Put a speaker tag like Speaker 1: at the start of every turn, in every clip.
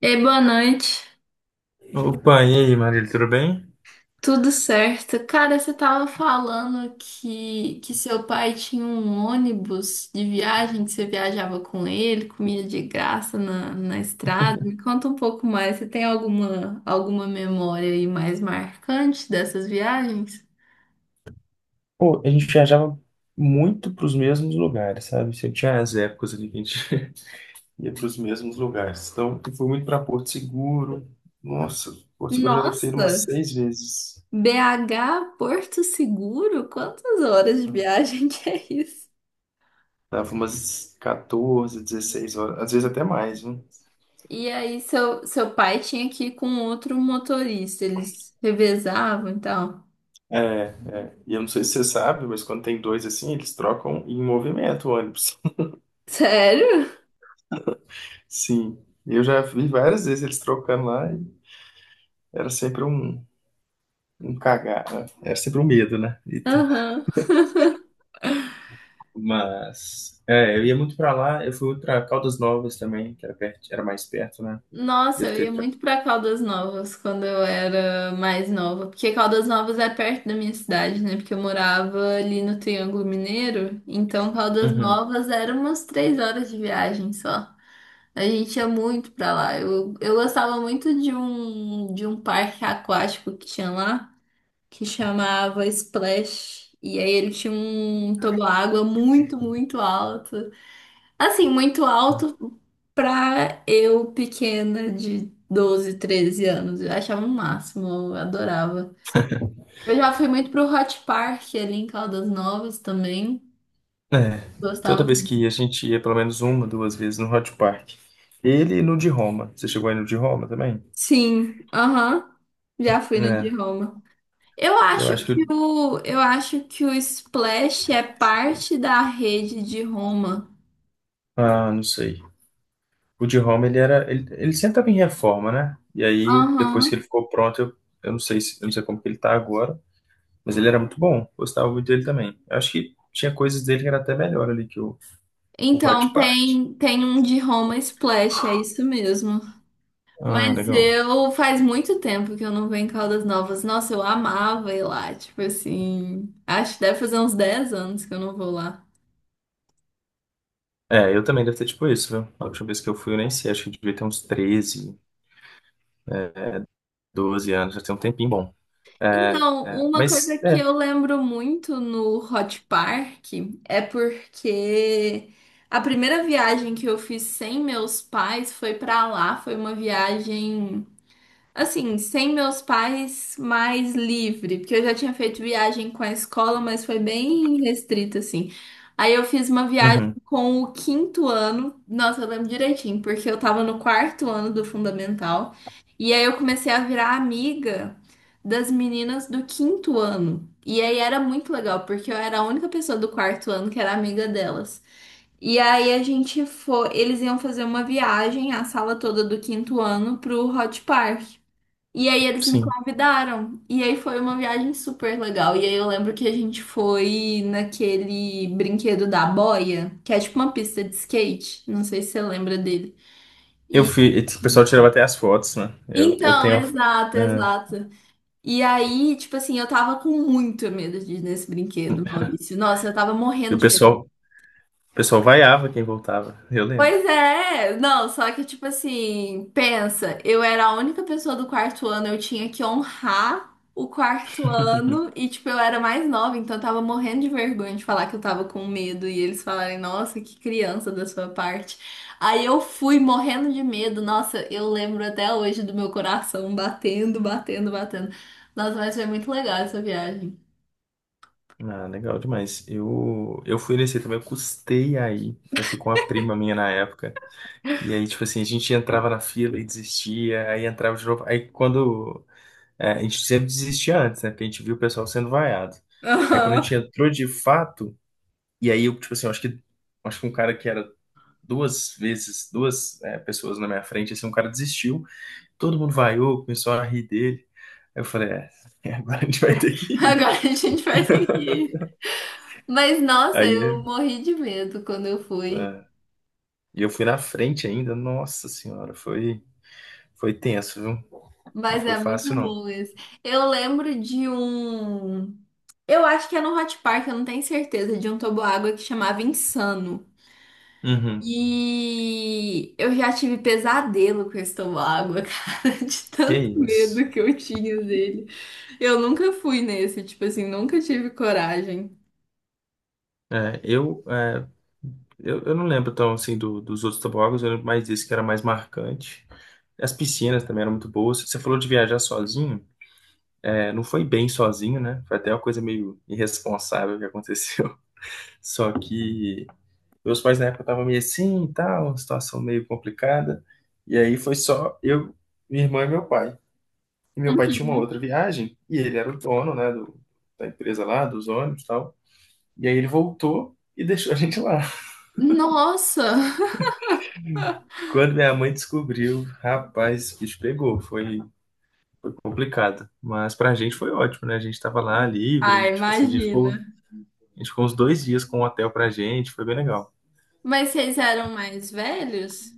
Speaker 1: Ei, boa noite.
Speaker 2: Opa, e aí, Marília, tudo bem?
Speaker 1: Tudo certo? Cara, você tava falando que seu pai tinha um ônibus de viagem, que você viajava com ele, comia de graça na estrada. Me conta um pouco mais. Você tem alguma memória aí mais marcante dessas viagens?
Speaker 2: Pô, a gente viajava muito para os mesmos lugares, sabe? Sempre tinha as épocas ali que a gente ia para os mesmos lugares. Então, eu fui muito para Porto Seguro. Nossa, Porto Seguro eu já deve ter ido umas
Speaker 1: Nossa,
Speaker 2: seis vezes.
Speaker 1: BH Porto Seguro? Quantas horas de viagem que é isso?
Speaker 2: Dava umas 14, 16 horas, às vezes até mais, né?
Speaker 1: E aí, seu pai tinha que ir com outro motorista, eles revezavam e tal.
Speaker 2: É, e eu não sei se você sabe, mas quando tem dois assim, eles trocam em movimento o ônibus.
Speaker 1: Sério?
Speaker 2: Sim, eu já vi várias vezes eles trocando lá e era sempre um, cagar, né? Era sempre um medo, né?
Speaker 1: Aham.
Speaker 2: Mas, é, eu ia muito pra lá, eu fui pra Caldas Novas também, que era perto, era mais perto, né?
Speaker 1: Nossa,
Speaker 2: Deve
Speaker 1: eu
Speaker 2: ter.
Speaker 1: ia muito pra Caldas Novas quando eu era mais nova, porque Caldas Novas é perto da minha cidade, né? Porque eu morava ali no Triângulo Mineiro, então Caldas
Speaker 2: Uhum.
Speaker 1: Novas era umas 3 horas de viagem só. A gente ia muito pra lá. Eu gostava muito de um parque aquático que tinha lá, que chamava Splash. E aí ele tinha um toboágua muito, muito alto. Assim, muito alto pra eu pequena de 12 13 anos. Eu achava o máximo, eu adorava. Eu já fui muito pro Hot Park ali em Caldas Novas também.
Speaker 2: É, toda
Speaker 1: Gostava
Speaker 2: vez que
Speaker 1: muito.
Speaker 2: ia, a gente ia pelo menos uma, duas vezes no Hot Park. Ele e no de Roma. Você chegou aí no de Roma também?
Speaker 1: Sim, aham. Já fui no de
Speaker 2: É,
Speaker 1: Roma. Eu
Speaker 2: eu
Speaker 1: acho
Speaker 2: acho que
Speaker 1: que o, eu acho que o Splash é parte da rede de Roma.
Speaker 2: ah, não sei. O de Roma, ele era. Ele sempre estava em reforma, né? E aí, depois que ele
Speaker 1: Aham.
Speaker 2: ficou pronto, eu não sei se, eu não sei como que ele tá agora, mas ele era muito bom. Gostava muito dele também. Eu acho que tinha coisas dele que era até melhor ali que o
Speaker 1: Então
Speaker 2: Hot Park.
Speaker 1: tem um de Roma Splash, é isso mesmo.
Speaker 2: Ah,
Speaker 1: Mas
Speaker 2: legal.
Speaker 1: eu faz muito tempo que eu não venho em Caldas Novas. Nossa, eu amava ir lá, tipo assim. Acho que deve fazer uns 10 anos que eu não vou lá.
Speaker 2: É, eu também devo ter tipo isso, viu? A última vez que eu fui, eu nem sei, acho que eu devia ter uns 13, é, 12 anos, já tem um tempinho bom. É,
Speaker 1: Então,
Speaker 2: é,
Speaker 1: uma coisa
Speaker 2: mas,
Speaker 1: que
Speaker 2: é,
Speaker 1: eu lembro muito no Hot Park é porque a primeira viagem que eu fiz sem meus pais foi pra lá, foi uma viagem. Assim, sem meus pais, mais livre, porque eu já tinha feito viagem com a escola, mas foi bem restrito, assim. Aí eu fiz uma viagem
Speaker 2: uhum,
Speaker 1: com o quinto ano, nossa, eu lembro direitinho, porque eu tava no quarto ano do fundamental, e aí eu comecei a virar amiga das meninas do quinto ano. E aí era muito legal, porque eu era a única pessoa do quarto ano que era amiga delas. E aí a gente foi, eles iam fazer uma viagem, a sala toda do quinto ano, pro Hot Park. E aí eles me
Speaker 2: sim.
Speaker 1: convidaram. E aí foi uma viagem super legal. E aí eu lembro que a gente foi naquele brinquedo da boia, que é tipo uma pista de skate. Não sei se você lembra dele.
Speaker 2: Eu fui, e tipo, o pessoal tirava até as fotos, né? Eu
Speaker 1: Então,
Speaker 2: tenho,
Speaker 1: exato,
Speaker 2: é,
Speaker 1: exato. E aí, tipo assim, eu tava com muito medo de ir nesse brinquedo, Maurício. Nossa, eu tava
Speaker 2: e
Speaker 1: morrendo
Speaker 2: o
Speaker 1: de medo.
Speaker 2: pessoal, o pessoal vaiava quem voltava, eu lembro.
Speaker 1: Pois é, não, só que tipo assim, pensa, eu era a única pessoa do quarto ano, eu tinha que honrar o quarto ano e tipo eu era mais nova, então eu tava morrendo de vergonha de falar que eu tava com medo e eles falarem, nossa, que criança da sua parte. Aí eu fui morrendo de medo, nossa, eu lembro até hoje do meu coração batendo, batendo, batendo. Nossa, mas foi muito legal essa viagem.
Speaker 2: Ah, legal demais. Eu fui nesse também, eu custei aí. Eu fui com uma prima minha na época. E aí, tipo assim, a gente entrava na fila e desistia, aí entrava de novo. Aí quando É, a gente sempre desistia antes, né? Porque a gente viu o pessoal sendo vaiado. Aí quando a
Speaker 1: Aham.
Speaker 2: gente entrou de fato, e aí eu, tipo assim, eu acho que um cara que era duas vezes, duas, é, pessoas na minha frente, assim, um cara desistiu, todo mundo vaiou, começou a rir dele. Aí eu falei, é, agora a gente vai ter que ir.
Speaker 1: Agora a gente vai ter que ir. Mas nossa,
Speaker 2: Aí é,
Speaker 1: eu morri de medo quando eu fui.
Speaker 2: é, e eu fui na frente ainda, nossa senhora, foi tenso, viu? Não
Speaker 1: Mas
Speaker 2: foi
Speaker 1: é muito
Speaker 2: fácil, não.
Speaker 1: bom esse. Eu lembro de um. Eu acho que é no Hot Park, eu não tenho certeza, de um toboágua que chamava Insano.
Speaker 2: Uhum.
Speaker 1: E eu já tive pesadelo com esse toboágua, cara, de
Speaker 2: Que
Speaker 1: tanto
Speaker 2: isso.
Speaker 1: medo que eu tinha dele. Eu nunca fui nesse, tipo assim, nunca tive coragem.
Speaker 2: É, eu, é, eu não lembro tão assim dos outros tobogãs, eu lembro mais desse que era mais marcante. As piscinas também eram muito boas. Você falou de viajar sozinho, é, não foi bem sozinho, né? Foi até uma coisa meio irresponsável que aconteceu. Só que meus pais na época estavam meio assim e tal, uma situação meio complicada. E aí foi só eu, minha irmã e meu pai. E meu pai tinha uma
Speaker 1: Uhum.
Speaker 2: outra viagem, e ele era o dono, né, da empresa lá, dos ônibus e tal. E aí ele voltou e deixou a gente lá.
Speaker 1: Nossa!
Speaker 2: Quando minha mãe descobriu, rapaz, o bicho pegou, foi complicado. Mas pra gente foi ótimo, né? A gente tava lá
Speaker 1: Ah,
Speaker 2: livre, tipo assim,
Speaker 1: imagina.
Speaker 2: a gente ficou uns 2 dias com um hotel pra gente, foi bem legal.
Speaker 1: Mas vocês eram mais velhos?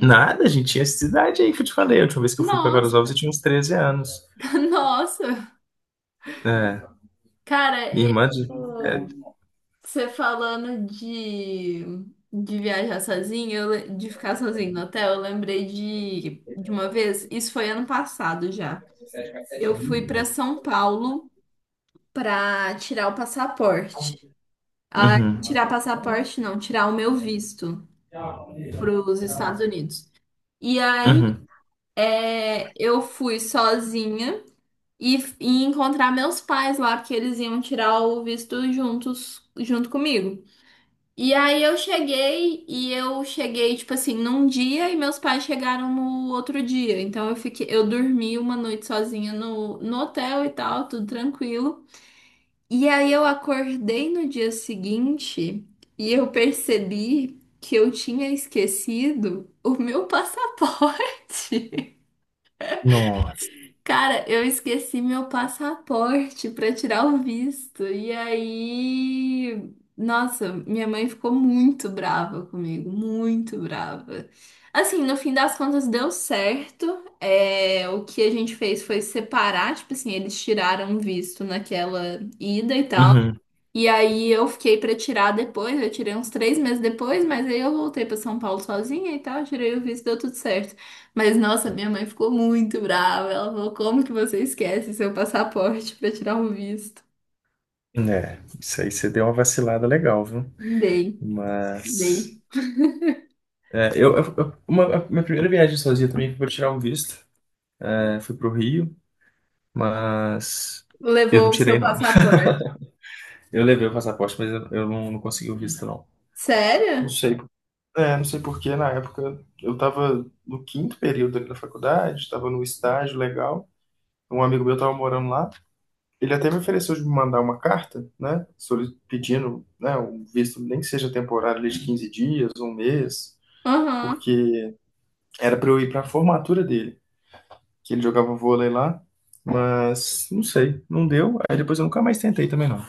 Speaker 2: Nada, a gente tinha essa idade aí que eu te falei. A última vez que eu fui pra Guarulhos, eu
Speaker 1: Nossa,
Speaker 2: tinha uns 13 anos.
Speaker 1: nossa.
Speaker 2: É,
Speaker 1: Cara,
Speaker 2: minha irmã. É,
Speaker 1: você falando de viajar sozinho, de ficar sozinho no hotel, eu lembrei de uma vez, isso foi ano passado já. Eu fui para São Paulo para tirar o passaporte. Ah,
Speaker 2: uhum,
Speaker 1: tirar passaporte não, tirar o meu visto para os Estados Unidos. E aí
Speaker 2: uhum.
Speaker 1: é, eu fui sozinha e, e encontrar meus pais lá, porque eles iam tirar o visto juntos, junto comigo. E aí eu cheguei e eu cheguei tipo assim num dia e meus pais chegaram no outro dia. Então eu fiquei, eu dormi uma noite sozinha no hotel e tal, tudo tranquilo. E aí eu acordei no dia seguinte e eu percebi que eu tinha esquecido o meu passaporte.
Speaker 2: Nossa.
Speaker 1: Cara, eu esqueci meu passaporte para tirar o visto. E aí, nossa, minha mãe ficou muito brava comigo, muito brava. Assim, no fim das contas deu certo. É, o que a gente fez foi separar, tipo assim, eles tiraram o visto naquela ida e tal.
Speaker 2: Uhum.
Speaker 1: E aí eu fiquei pra tirar depois, eu tirei uns 3 meses depois, mas aí eu voltei pra São Paulo sozinha e tal, tirei o visto, deu tudo certo. Mas nossa, minha mãe ficou muito brava. Ela falou: "Como que você esquece seu passaporte pra tirar o visto?"
Speaker 2: É, isso aí você deu uma vacilada legal, viu?
Speaker 1: Dei,
Speaker 2: Mas.
Speaker 1: dei.
Speaker 2: é, eu, eu- eu- uma, a minha primeira viagem sozinha também foi pra tirar um visto. É, fui pro Rio, mas eu não
Speaker 1: Levou o seu
Speaker 2: tirei, não.
Speaker 1: passaporte.
Speaker 2: Eu levei o passaporte, mas eu não, não consegui o visto, não. Não
Speaker 1: Sério?
Speaker 2: sei é, não sei porque na época eu estava no quinto período ali da faculdade, estava no estágio legal. Um amigo meu estava morando lá. Ele até me ofereceu de me mandar uma carta, né? Pedindo, né, um visto, nem que seja temporário, ali de 15 dias, um mês,
Speaker 1: Aham.
Speaker 2: porque era para eu ir para a formatura dele, que ele jogava vôlei lá, mas não sei, não deu. Aí depois eu nunca mais tentei também, não.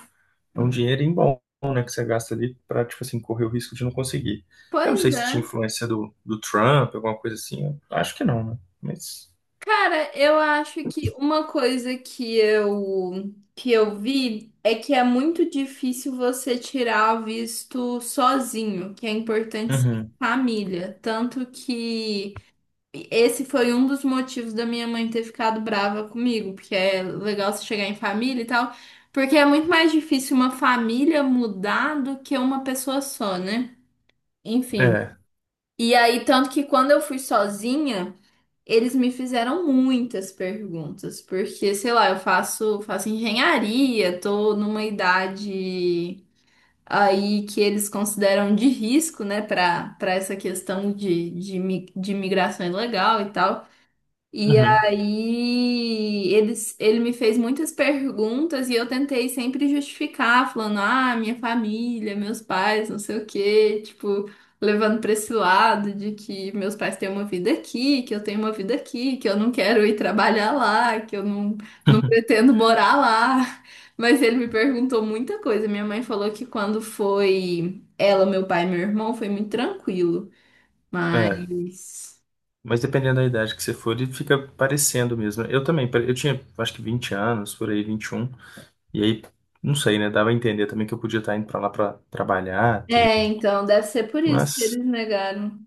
Speaker 2: É um dinheirinho bom, né, que você gasta ali pra, tipo assim, correr o risco de não conseguir. Eu não
Speaker 1: Pois
Speaker 2: sei se tinha
Speaker 1: é.
Speaker 2: influência do Trump, alguma coisa assim. Eu acho que não, né? Mas.
Speaker 1: Cara, eu acho que uma coisa que eu vi é que é muito difícil você tirar o visto sozinho, que é importante ser em
Speaker 2: Uhum.
Speaker 1: família. Tanto que esse foi um dos motivos da minha mãe ter ficado brava comigo, porque é legal você chegar em família e tal, porque é muito mais difícil uma família mudar do que uma pessoa só, né? Enfim.
Speaker 2: É.
Speaker 1: E aí, tanto que quando eu fui sozinha eles me fizeram muitas perguntas, porque, sei lá, eu faço, faço engenharia, tô numa idade aí que eles consideram de risco, né, para essa questão de migração ilegal e tal. E
Speaker 2: Uhum.
Speaker 1: aí eles, ele me fez muitas perguntas e eu tentei sempre justificar, falando, ah, minha família, meus pais, não sei o quê, tipo, levando para esse lado de que meus pais têm uma vida aqui, que eu tenho uma vida aqui, que eu não quero ir trabalhar lá, que eu não, não pretendo morar lá. Mas ele me perguntou muita coisa. Minha mãe falou que quando foi ela, meu pai e meu irmão, foi muito tranquilo.
Speaker 2: É.
Speaker 1: Mas.
Speaker 2: Mas dependendo da idade que você for, ele fica parecendo mesmo. Eu também, eu tinha acho que 20 anos, por aí, 21. E aí, não sei, né? Dava a entender também que eu podia estar indo pra lá pra trabalhar,
Speaker 1: É,
Speaker 2: tudo.
Speaker 1: então, deve ser por isso que
Speaker 2: Mas.
Speaker 1: eles negaram.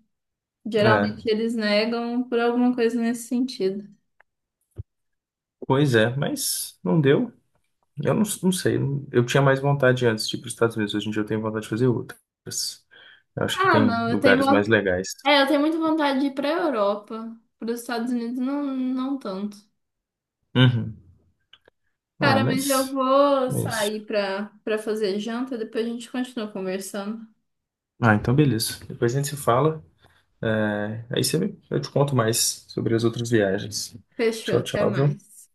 Speaker 1: Geralmente
Speaker 2: É.
Speaker 1: eles negam por alguma coisa nesse sentido.
Speaker 2: Pois é, mas não deu. Eu não, não sei, eu tinha mais vontade antes de ir para os Estados Unidos, hoje em dia eu tenho vontade de fazer outras. Eu acho que
Speaker 1: Ah,
Speaker 2: tem
Speaker 1: não,
Speaker 2: lugares mais legais.
Speaker 1: é, eu tenho muita vontade de ir pra Europa. Para os Estados Unidos, não, não tanto.
Speaker 2: Uhum. Ah,
Speaker 1: Cara, mas eu vou
Speaker 2: mas.
Speaker 1: sair pra fazer janta, depois a gente continua conversando.
Speaker 2: Ah, então beleza. Depois a gente se fala. É, aí você, eu te conto mais sobre as outras viagens.
Speaker 1: Fechou,
Speaker 2: Tchau,
Speaker 1: até
Speaker 2: tchau, viu?
Speaker 1: mais.